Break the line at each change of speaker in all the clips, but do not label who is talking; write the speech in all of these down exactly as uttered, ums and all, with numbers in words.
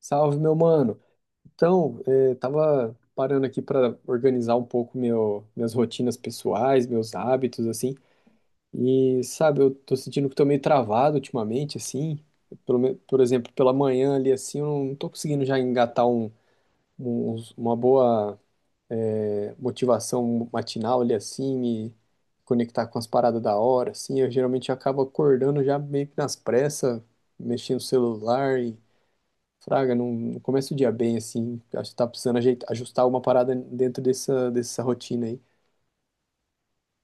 Salve, meu mano. Então, eh, tava parando aqui para organizar um pouco meu, minhas rotinas pessoais, meus hábitos, assim. E, sabe, eu tô sentindo que tô meio travado ultimamente, assim. Pelo, me- por exemplo, pela manhã ali, assim, eu não tô conseguindo já engatar um, um- uma boa, eh, motivação matinal ali, assim, me conectar com as paradas da hora, assim. Eu geralmente acabo acordando já meio que nas pressas, mexendo no celular Fraga, não, não começa o dia bem assim. Acho que tá precisando ajeitar, ajustar alguma parada dentro dessa, dessa rotina aí.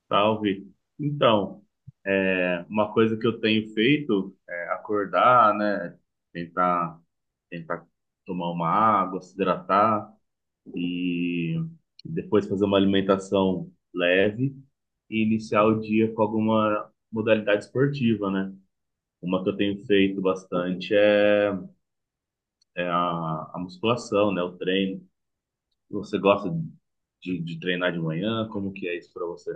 Salve. Então, é, uma coisa que eu tenho feito é acordar, né? Tentar, tentar tomar uma água, se hidratar e depois fazer uma alimentação leve e iniciar o dia com alguma modalidade esportiva, né? Uma que eu tenho feito bastante é, é a, a musculação, né? O treino. Você gosta de, de treinar de manhã? Como que é isso para você?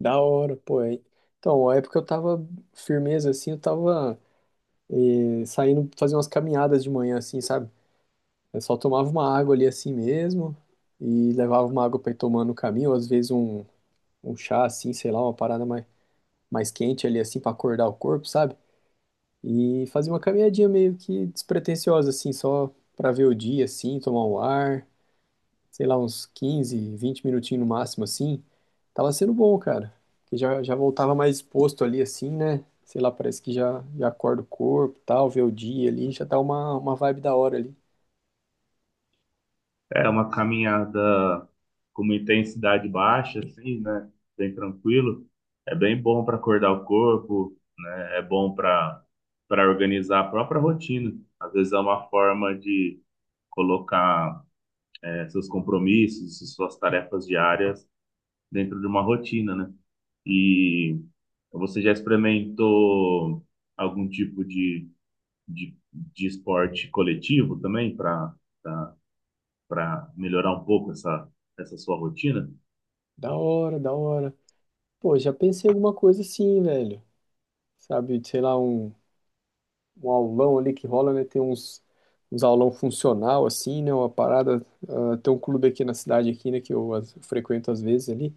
Da hora, pô. É. Então, a época eu tava firmeza assim, eu tava eh, saindo fazer umas caminhadas de manhã assim, sabe? Eu só tomava uma água ali assim mesmo e levava uma água pra ir tomando no caminho, ou às vezes um, um chá assim, sei lá, uma parada mais, mais, quente ali assim pra acordar o corpo, sabe? E fazia uma caminhadinha meio que despretensiosa assim, só pra ver o dia assim, tomar um ar. Sei lá, uns quinze, vinte minutinhos no máximo, assim, tava sendo bom, cara. Porque já, já voltava mais exposto ali, assim, né? Sei lá, parece que já, já acorda o corpo, e tal, vê o dia ali, já dá uma, uma vibe da hora ali.
É uma caminhada com uma intensidade baixa, assim, né? Bem tranquilo. É bem bom para acordar o corpo, né? É bom para para organizar a própria rotina. Às vezes é uma forma de colocar eh, seus compromissos, suas tarefas diárias dentro de uma rotina, né? E você já experimentou algum tipo de, de, de esporte coletivo também para para melhorar um pouco essa essa sua rotina?
Da hora, da hora. Pô, já pensei em alguma coisa assim, velho. Sabe, sei lá, um, um aulão ali que rola, né? Tem uns, uns aulão funcional, assim, né? Uma parada. Ah, tem um clube aqui na cidade, aqui, né? Que eu as- frequento às vezes ali.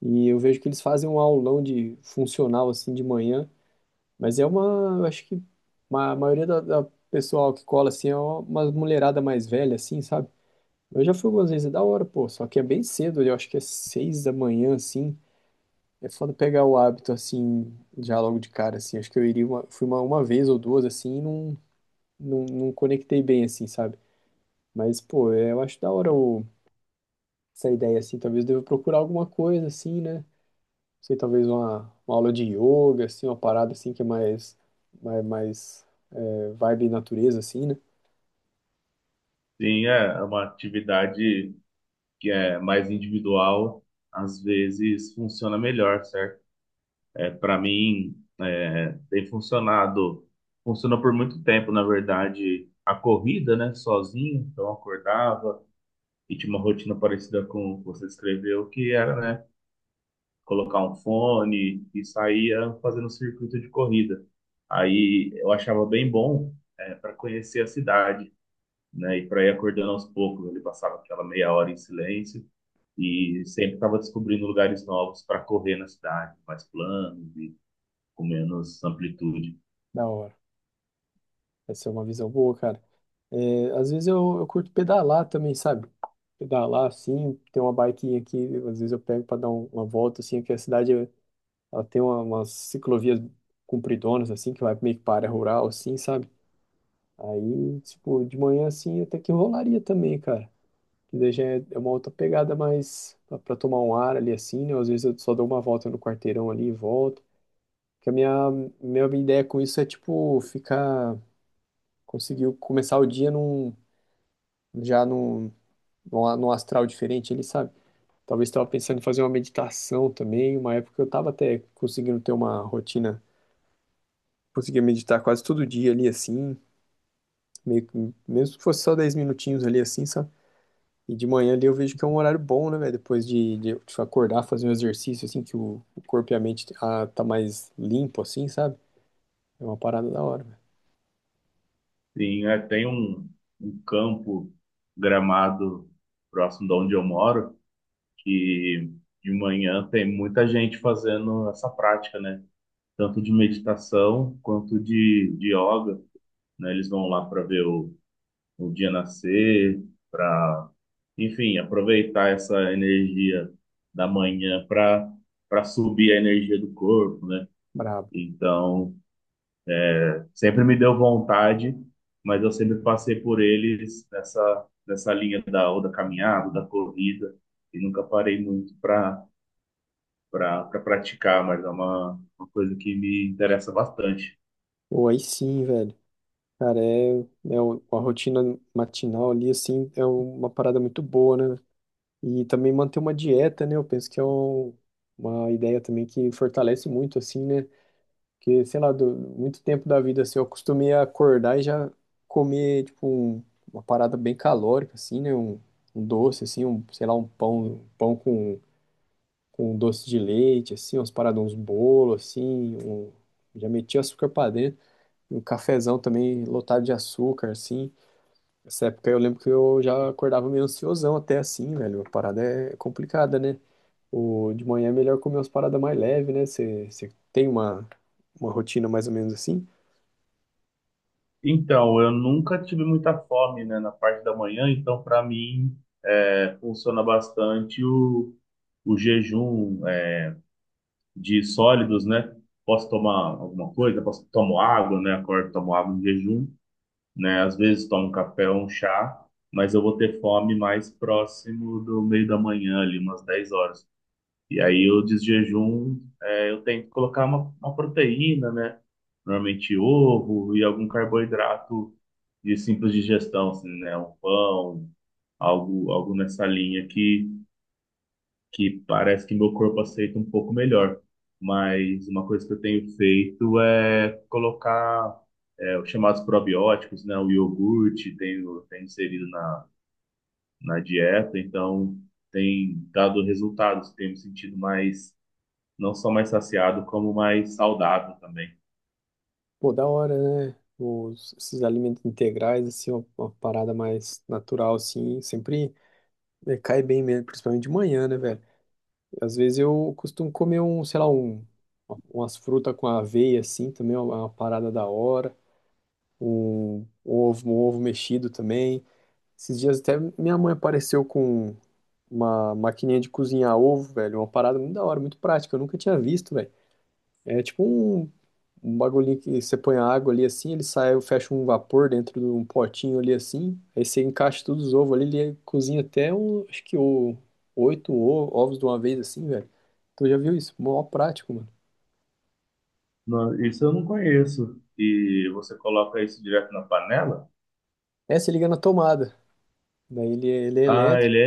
E eu vejo que eles fazem um aulão de funcional, assim, de manhã. Mas é uma, eu acho que ma- a maioria da, da pessoal que cola assim é uma mulherada mais velha, assim, sabe? Eu já fui algumas vezes, é da hora, pô, só que é bem cedo, eu acho que é seis da manhã, assim. É foda pegar o hábito, assim, já logo de cara, assim. Acho que eu iria uma, fui uma, uma vez ou duas, assim, e não, não, não conectei bem, assim, sabe? Mas, pô, é, eu acho da hora o, essa ideia, assim. Talvez eu deva procurar alguma coisa, assim, né? Não sei, talvez uma, uma, aula de yoga, assim, uma parada, assim, que é mais, mais, mais vibe natureza, assim, né?
Sim, é é uma atividade que é mais individual, às vezes funciona melhor, certo? É, para mim, é, tem funcionado, funcionou por muito tempo, na verdade, a corrida, né, sozinho, então eu acordava e tinha uma rotina parecida com o que você descreveu, que era, né, colocar um fone e saía fazendo um circuito de corrida. Aí eu achava bem bom, é, para conhecer a cidade, né, e para ir acordando aos poucos, ele passava aquela meia hora em silêncio e sempre estava descobrindo lugares novos para correr na cidade, mais planos e com menos amplitude.
Da hora. Essa é uma visão boa, cara. É, às vezes eu, eu curto pedalar também, sabe? Pedalar, assim, tem uma biquinha aqui, às vezes eu pego para dar um- uma volta, assim, que a cidade, ela tem uma, umas ciclovias compridonas, assim, que vai meio que para a área rural, assim, sabe? Aí, tipo, de manhã, assim, até que rolaria também, cara. Que daí já é é uma outra pegada mais para tomar um ar ali, assim, né? Às vezes eu só dou uma volta no quarteirão ali e volto. Que a minha, minha ideia com isso é, tipo, ficar conseguiu começar o dia num, já num, num, num astral diferente, ele sabe. Talvez estava pensando em fazer uma meditação também, uma época eu estava até conseguindo ter uma rotina, conseguia meditar quase todo dia ali assim, meio que- mesmo que fosse só dez minutinhos ali assim, sabe? E de manhã ali eu vejo que é um horário bom, né, velho? Depois de, de eu acordar, fazer um exercício assim, que o, o corpo e a mente ah, tá mais limpo assim, sabe? É uma parada da hora, velho.
Tem, é, tem um, um campo gramado próximo de onde eu moro que de manhã tem muita gente fazendo essa prática, né? Tanto de meditação quanto de, de yoga, né? Eles vão lá para ver o o dia nascer, para, enfim, aproveitar essa energia da manhã para para subir a energia do corpo, né?
Brabo.
Então, sempre me deu vontade, mas eu sempre passei por eles nessa nessa linha da ou da caminhada, ou da corrida e nunca parei muito para para pra praticar, mas é uma, uma coisa que me interessa bastante.
Pô, aí sim, velho. Cara, é, é o- a rotina matinal ali, assim, é uma parada muito boa, né? E também manter uma dieta, né? Eu penso que é um- uma ideia também que fortalece muito, assim, né? Porque, sei lá, do, muito tempo da vida, assim, eu acostumei a acordar e já comer, tipo, um- uma parada bem calórica, assim, né? Um, um doce, assim, um, sei lá, um pão, um pão com, com um doce de leite, assim, umas paradas, uns bolos, assim, um, já meti açúcar pra dentro, um cafezão também lotado de açúcar, assim essa época eu lembro que eu já acordava meio ansiosão até assim, velho. A parada é complicada, né? O, de manhã é melhor comer umas paradas mais leves, né? Você tem uma, uma rotina mais ou menos assim.
Então, eu nunca tive muita fome, né, na parte da manhã, então para mim é, funciona bastante o, o jejum é, de sólidos, né? Posso tomar alguma coisa, posso tomo água, né? Acordo, tomo água em jejum, né? Às vezes tomo um café ou um chá, mas eu vou ter fome mais próximo do meio da manhã, ali umas dez horas. E aí o desjejum, é, eu tento colocar uma, uma proteína, né? Normalmente ovo e algum carboidrato de simples digestão, assim, né? Um pão, algo, algo nessa linha que, que parece que meu corpo aceita um pouco melhor. Mas uma coisa que eu tenho feito é colocar é, os chamados probióticos, né? O iogurte tenho, tenho inserido na, na dieta, então tem dado resultados, tenho me sentido mais não só mais saciado, como mais saudável também.
Pô, da hora, né? Os, esses alimentos integrais, assim, uma, uma parada mais natural, assim, sempre é, cai bem mesmo, principalmente de manhã, né, velho? Às vezes eu costumo comer um, sei lá, um, umas frutas com aveia, assim, também é uma é uma parada da hora. Um, um ovo, um ovo mexido também. Esses dias até minha mãe apareceu com uma maquininha de cozinhar ovo, velho. Uma parada muito da hora, muito prática. Eu nunca tinha visto, velho. É tipo um, um bagulhinho que você põe a água ali assim, ele sai, fecha um vapor dentro de um potinho ali assim. Aí você encaixa todos os ovos ali, ele cozinha até um, acho que o, oito o- ovos de uma vez assim, velho. Tu já viu isso? Mó prático, mano.
Não, isso eu não conheço. E você coloca isso direto na panela?
É, você liga na tomada. Daí ele, ele é
Ah,
elétrico.
ele é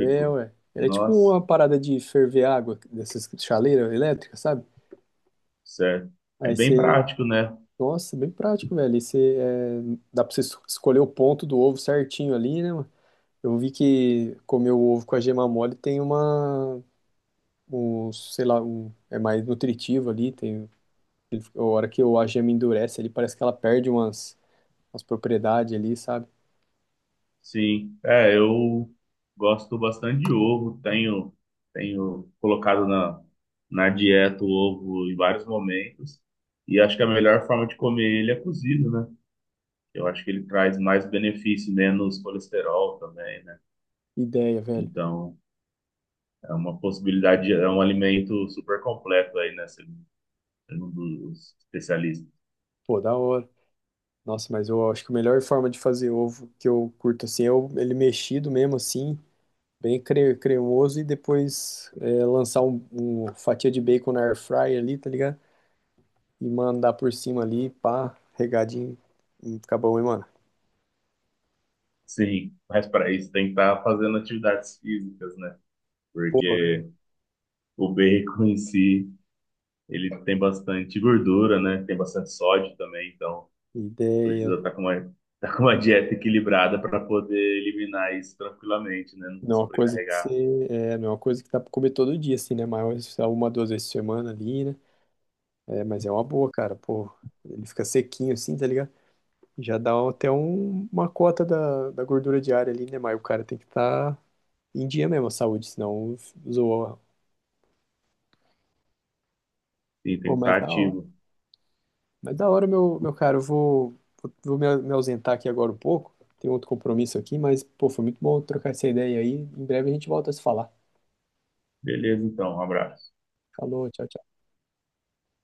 É, ué. Ele é tipo
Nossa,
uma parada de ferver água dessas chaleiras elétricas, sabe?
certo. É
Aí
bem
você
prático, né?
Nossa, bem prático, velho. E você, é, dá pra você es- escolher o ponto do ovo certinho ali, né, mano? Eu vi que comer o ovo com a gema mole tem uma, um, sei lá, um, é mais nutritivo ali. Tem, a hora que o- a gema endurece ali, parece que ela perde umas, umas, propriedades ali, sabe?
Sim. É, eu gosto bastante de ovo. Tenho, tenho colocado na, na dieta o ovo em vários momentos. E acho que a melhor forma de comer ele é cozido, né? Eu acho que ele traz mais benefício, menos colesterol também, né?
Ideia, velho.
Então, é uma possibilidade, é um alimento super completo aí, né? Segundo os especialistas.
Pô, da hora. Nossa, mas eu acho que a melhor forma de fazer ovo que eu curto assim é o- ele mexido mesmo assim, bem cre cremoso e depois é, lançar um, um fatia de bacon na air fryer ali, tá ligado? E mandar por cima ali, pá, regadinho, e fica bom, hein, mano?
Sim, mas para isso tem que estar fazendo atividades físicas, né?
Pô,
Porque o bacon em si, ele tem bastante gordura, né? Tem bastante sódio também, então precisa
ideia.
estar com uma, tá com uma dieta equilibrada para poder eliminar isso tranquilamente, né? Não
Não é uma coisa que
sobrecarregar.
você, é, não é uma coisa que dá pra comer todo dia, assim, né? Mas uma, duas vezes por semana ali, né? É, mas é uma boa, cara, pô. Ele fica sequinho assim, tá ligado? Já dá até um- uma cota da, da gordura diária ali, né? Mas o cara tem que estar em dia mesmo, a saúde, senão zoa.
Sim, tem
Pô,
que
mas
estar
da hora.
ativo.
Mas da hora, meu, meu cara, eu vou, vou, vou me, me ausentar aqui agora um pouco. Tem outro compromisso aqui, mas, pô, foi muito bom trocar essa ideia aí. Em breve a gente volta a se falar.
Beleza, então, um abraço.
Falou, tchau, tchau.